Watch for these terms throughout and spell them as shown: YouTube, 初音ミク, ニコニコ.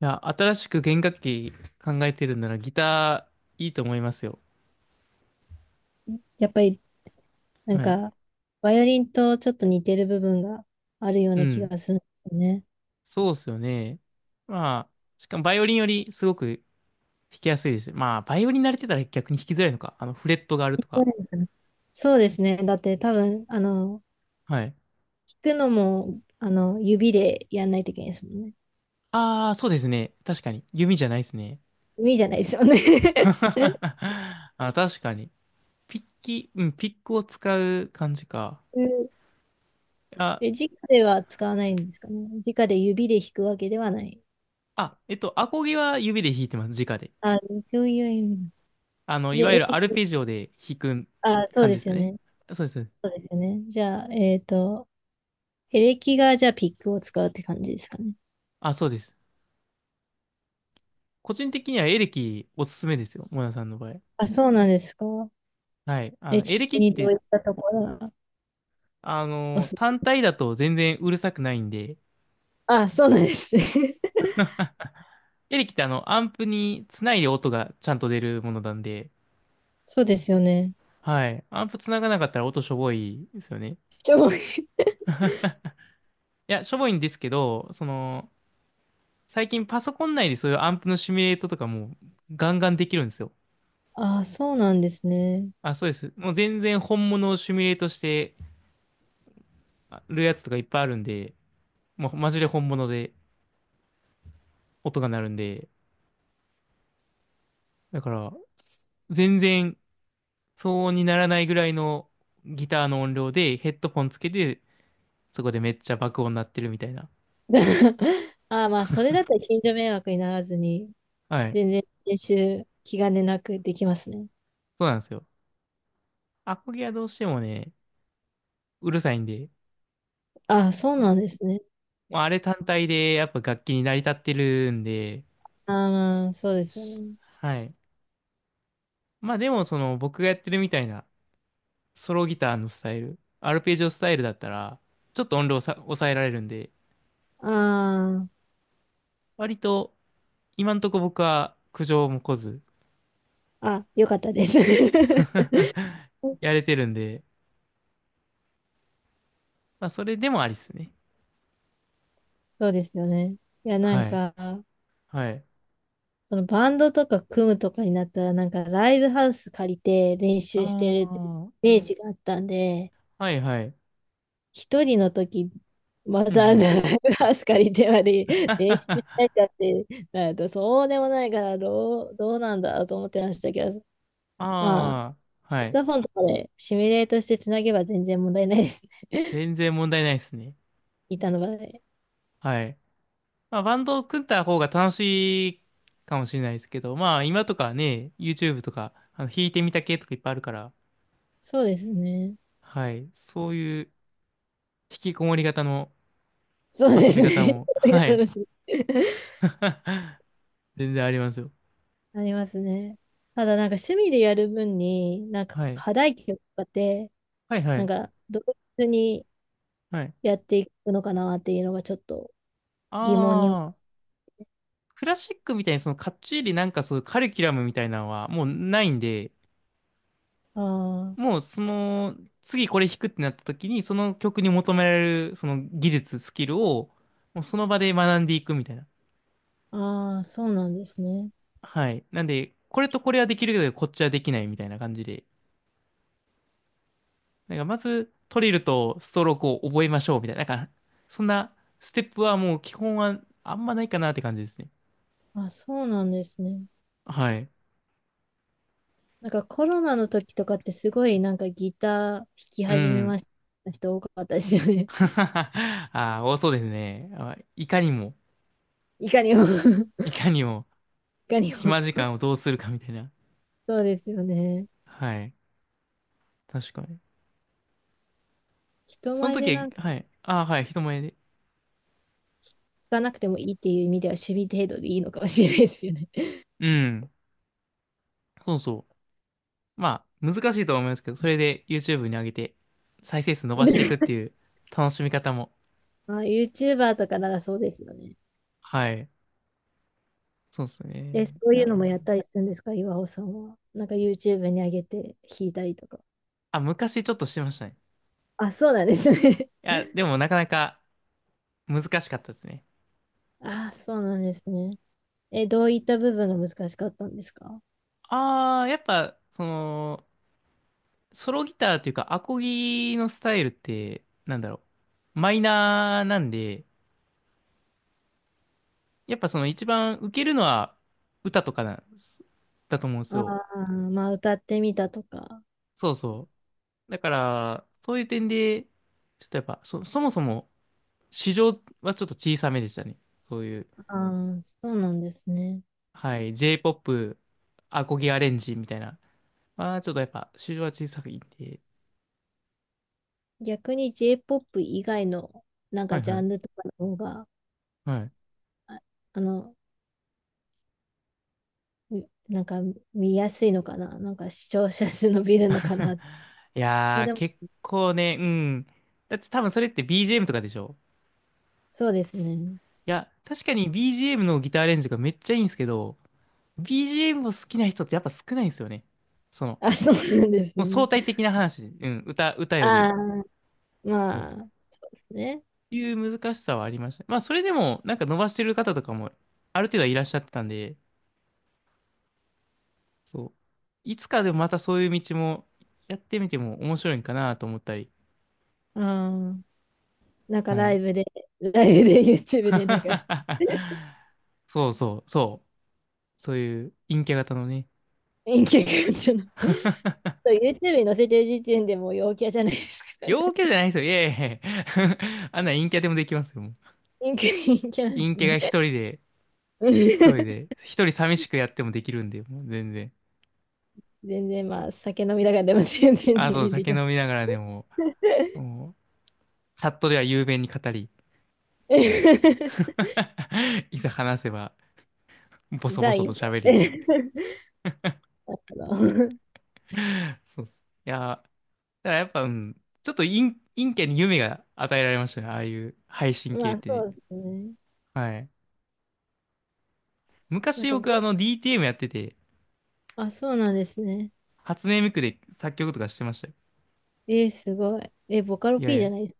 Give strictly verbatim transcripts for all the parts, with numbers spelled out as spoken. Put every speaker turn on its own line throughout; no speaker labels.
いや、新しく弦楽器考えてるんならギターいいと思いますよ。
やっぱり、なん
はい。
か、バイオリンとちょっと似てる部分があるよう
う
な気
ん。
がするんですよね。
そうっすよね。まあ、しかもバイオリンよりすごく弾きやすいですし。まあ、バイオリン慣れてたら逆に弾きづらいのか。あの、フレットがあると
そう
か。
なのかな。そうですね。だって多分、あの、
はい。
弾くのも、あの、指でやんないといけないですもんね。
ああ、そうですね。確かに。弓じゃないですね。
指じゃないですよね。
あ、確かに。ピッキ、うん、ピックを使う感じか。
うん。
あ、
え、直では使わないんですかね。直で指で弾くわけではない。
あ、えっと、アコギは指で弾いてます。直で。
あ、そういう意味。
あの、い
で、
わ
エ
ゆる
レ
アル
キ、
ペジオで弾く
あ、そう
感
で
じで
す
す
よ
よね。
ね。
そうです。そうです。
そうですよね。じゃあ、えっと、エレキがじゃあピックを使うって感じですかね。
あ、そうです。個人的にはエレキおすすめですよ。モナさんの場合。
あ、そうなんですか。
はい。あ
え、
の、
ち
エ
な
レキ
み
っ
にどう
て、
いったところが
あ
お
の、
す、
単体だと全然うるさくないんで、
あ、そうなんですね。
エレキってあの、アンプにつないで音がちゃんと出るものなんで、
そうですよね。
はい。アンプつながなかったら音しょぼいですよね。
人も、
いや、しょぼいんですけど、その、最近パソコン内でそういうアンプのシミュレートとかもガンガンできるんですよ。
ああ、そうなんですね。
あ、そうです。もう全然本物をシミュレートしてるやつとかいっぱいあるんで、もうマジで本物で音が鳴るんで、だから、全然騒音にならないぐらいのギターの音量でヘッドフォンつけて、そこでめっちゃ爆音鳴ってるみたいな。
ああ、まあ、それだったら近所迷惑にならずに、
はい。
全然練習、気兼ねなくできますね。
そうなんですよ。アコギはどうしてもね、うるさいんで、
ああ、そうなんですね。
まああれ単体でやっぱ楽器に成り立ってるんで、
ああ、まあ、そうですよ
し
ね。
はい。まあでもその僕がやってるみたいなソロギターのスタイル、アルペジオスタイルだったら、ちょっと音量さ抑えられるんで、
あ
割と今んとこ僕は苦情も来ず
あ、あ、よかったです。
やれてるんで、まあ、それでもありっすね。
そうですよね。いや、なん
はい。
か、
はい。
そのバンドとか組むとかになったら、なんかライブハウス借りて練
あ
習してるってイ
あ、
メージがあったんで、
はいはい。
一人の時、わ
うんう
ざわざ
ん。
ライブハウス借りてまで練習した いかってなると、そうでもないから、どう、どうなんだろうと思ってましたけど、まあ、
ああ、は
ヘ
い。
ッドホンとかでシミュレートしてつなげば全然問題ないですね。
全然問題ないですね。
板の場で。
はい。まあ、バンドを組んだ方が楽しいかもしれないですけど、まあ、今とかね、YouTube とか、あの、弾いてみた系とかいっぱいあるから、
そうですね。
はい。そういう引きこもり型の
そう
遊
で
び
す
方
ね。
も、
ありが
は
とう
い。
ございますね。
全然ありますよ。
ありますね。ただなんか趣味でやる分に、なんか
はい。
課題曲とかって、
はいは
なん
い。
かどういうふうに
はい。
やっていくのかなっていうのがちょっと疑問に思
ああ、クラシックみたいにそのかっちりなんかそういうカリキュラムみたいなのはもうないんで、
う。あ
もうその次これ弾くってなった時にその曲に求められるその技術、スキルをもうその場で学んでいくみたいな。
あ、ああ、そうなんですね。
はい。なんで、これとこれはできるけどこっちはできないみたいな感じで。なんかまずトリルとストロークを覚えましょうみたいな。なんかそんなステップはもう基本はあんまないかなって感じですね。
あ、そうなんですね。
はい。
なんかコロナの時とかってすごいなんかギター弾き
う
始め
ん。
ました人多かったですよね。
ああ、多そうですね。あいかにも、
いかにも。 い
いかにも。
かにも。
暇時間をどうするかみたいな。
そうですよね。
はい。確かに。
人
その
前でな
時
んか
は、はい。ああ、はい。人前で。
弾かなくてもいいっていう意味では趣味程度でいいのかもしれないですよね。
うん。そうそう。まあ、難しいとは思いますけど、それで YouTube に上げて、再生数伸ばしていくっ ていう楽しみ方も。
あ、YouTuber とかならそうですよね。
はい。そうですね。
え、そう
い
いう
や、
のもやったりするんですか、岩尾さんは。なんか YouTube に上げて弾いたりとか。
あ、昔ちょっとしてましたね。
あ、そうなんですね。
いや、でもなかなか難しかったですね。
あ、そうなんですね。え、どういった部分が難しかったんですか。
ああ、やっぱ、その、ソロギターというか、アコギのスタイルって、なんだろう。マイナーなんで、やっぱその一番受けるのは歌とかなんですだと思うんです
あ
よ。
あー、まあ歌ってみたとか。
そうそう。だから、そういう点で、ちょっとやっぱ、そ、そもそも市場はちょっと小さめでしたね。そういう、
ああ、そうなんですね。
はい、J-ピーオーピー、アコギアレンジみたいな。まあ、ちょっとやっぱ市場は小さくいんで。
逆に J-POP 以外のなん
は
か
い
ジ
は
ャン
い。
ルとかの方が、
はい。
ああの、みなんか見やすいのかな。なんか視聴者数伸びるのか な。
い
もう
やー、
でも、
結構ね、うん。だって多分それって ビージーエム とかでしょ。
そうですね。
いや、確かに ビージーエム のギターアレンジがめっちゃいいんですけど、ビージーエム も好きな人ってやっぱ少ないんですよね。その、
あ、そうなんです
もう
ね。
相対的な話、うん、歌、歌より
あ
も。
あ、
そう
まあ、ね。
いう難しさはありました。まあ、それでも、なんか伸ばしてる方とかも、ある程度はいらっしゃってたんで、そう。いつかでもまたそういう道も、やってみても面白いんかなと思ったり。
ああ、なんか
は
ライ
い。
ブで、ライブで YouTube でなんか、
そうそう、そう。そういう陰キャ型のね。
インキャっての。そう YouTube に載せてる時点でもう陽キャじゃないですか。
陽キャじゃないですよ。いやいやいや あんな陰キャでもできますよ。もう
インキャ、陰キャなんで
陰
す
キャが一
ね。
人で
う
一
ん。
人で、一人寂しくやってもできるんで、もう全然。
全然まあ、酒飲みながらでも全然
あ、そう、
ね、で
酒
きます。
飲みながらでも、もう、チャットでは雄弁に語り、いざ話せば、ボソボ
ザ・
ソ
イ
と
ンキ
喋り。
ャ。
そうそう。いや、だからやっぱ、うん、ちょっと陰、陰キャに夢が与えられましたね、ああいう配信
ま
系っ
あ、そ
て。
うですね。
はい。
なん
昔
かボ、
僕、あの、ディーティーエム やってて、
あ、そうなんですね。
初音ミクで作曲とかしてましたよ。
えー、すごい。え、ボカロ
いやい
P じ
や。
ゃないです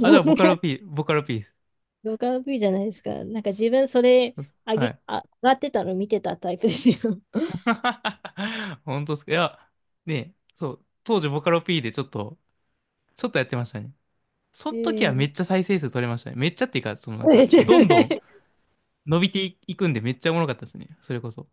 あ、だからボカロ
か。
P、ボカロ P です。
動画の V じゃないですか。なんか自分それ
そうそ
上
う、は
げ、
い。
あ、上がってたの見てたタイプですよ。
本当ですか。いや、ね、そう、当時ボカロ P でちょっと、ちょっとやってましたね。そ
え
の時はめ
え。
っちゃ再生数取れましたね。めっちゃっていうか、そのなんか、どんどん 伸びていくんでめっちゃおもろかったですね。それこそ。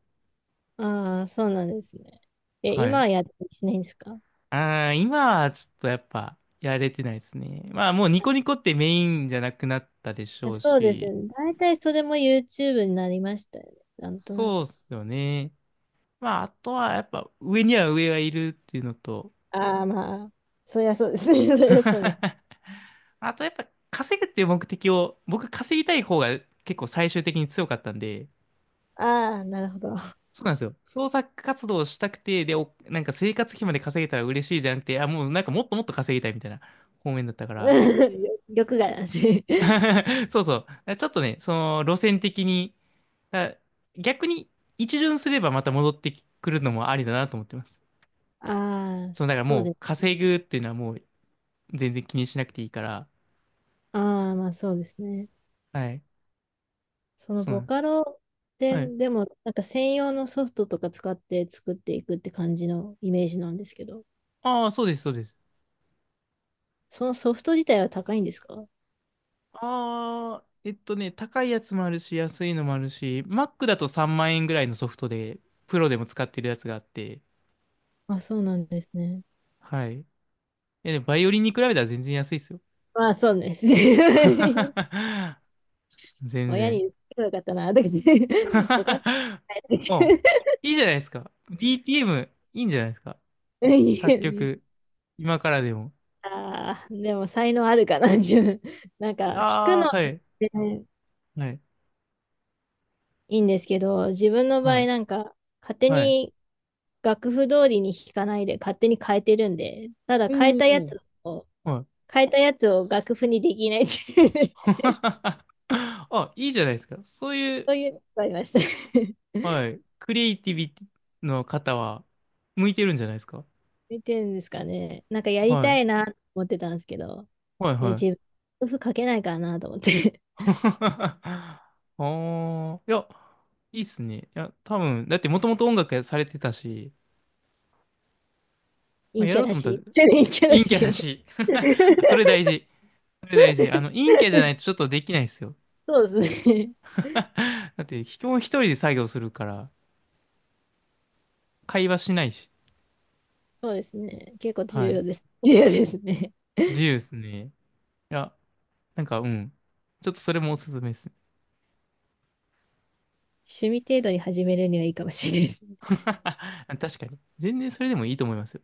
ああ、そうなんですね。え、
は
今
い。
はやってしないんですか。
ああ、今はちょっとやっぱ、やれてないですね。まあもうニコニコってメインじゃなくなったでしょう
そうです
し、
ね。大体それも YouTube になりましたよね。なんとな
そうっ
く。
すよね。まああとはやっぱ、上には上がいるっていうのと、
ああ、まあ、そりゃそうですね。そりゃそうです。
あとやっぱ稼ぐっていう目的を、僕稼ぎたい方が結構最終的に強かったんで、
ああ、なるほど。
そうなんですよ。創作活動をしたくて、で、おなんか生活費まで稼げたら嬉しいじゃなくて、あ、もうなんかもっともっと稼ぎたいみたいな方面だったから。
欲がなんで。
そうそう。ちょっとね、その路線的に、だ逆に一巡すればまた戻ってくるのもありだなと思ってます。
ああ、
そう、だから
そう
も
で
う
す。
稼ぐっていうのはもう全然気にしなくていいから、
ああ、まあそうですね。
はい。
その
そうな
ボ
んです。
カロで、
はい。
でも、なんか専用のソフトとか使って作っていくって感じのイメージなんですけど、
ああ、そうです、そうです。
そのソフト自体は高いんですか。
ああ、えっとね、高いやつもあるし、安いのもあるし、Mac だとさんまん円ぐらいのソフトで、プロでも使ってるやつがあって、
あ、そうなんですね。
はい。いや、でもバイオリンに比べたら全然安いですよ。
まあ、そうですね。
全
親に
然。
言ってよかったな、だけど、ボカロ な
お、いいじゃないですか。ディーティーエム、いいんじゃないですか。作
い。
曲、今からでも。
ああでも才能あるかな、自分。なん
い
か、
や
弾く
ー、
の、
はい、
ね、
はい、
いいんですけど、自分の場
は
合
い、
なんか、勝手
はい。
に楽譜通りに弾かないで勝手に変えてるんで、ただ変えたや
おー、
つを、
はい。
変えたやつを楽譜にできないっていうね、
あ、いいじゃないですか。そうい
そういうの
う、
がありました。
はい。クリエイティビティの方は、向いてるんじゃないですか。
見てるんですかね。なんかやり
は
た
い。
いなと思ってたんですけど、
はい、
で、
は
自分、
い。
楽譜書けないからなと思って、
ああ、いや、いいっすね。いや、多分、だってもともと音楽されてたし、まあ、
陰
や
キャ
ろうと
ら
思った
し
ら、
い。ちょっと陰キャら
陰キャ
しい
だ
みたい
し、
な。
あ、それ大事。それ大事。あの、陰キャじゃないとちょっとできないですよ。
そうですね。
だって、基本一人で作業するから、会話しないし。
そうですね。結構重
はい。
要です。重要ですね。
自由ですね。いや、なんか、うん。ちょっとそれもおすすめです。
趣味程度に始めるにはいいかもしれないですね。
確かに。全然それでもいいと思いますよ。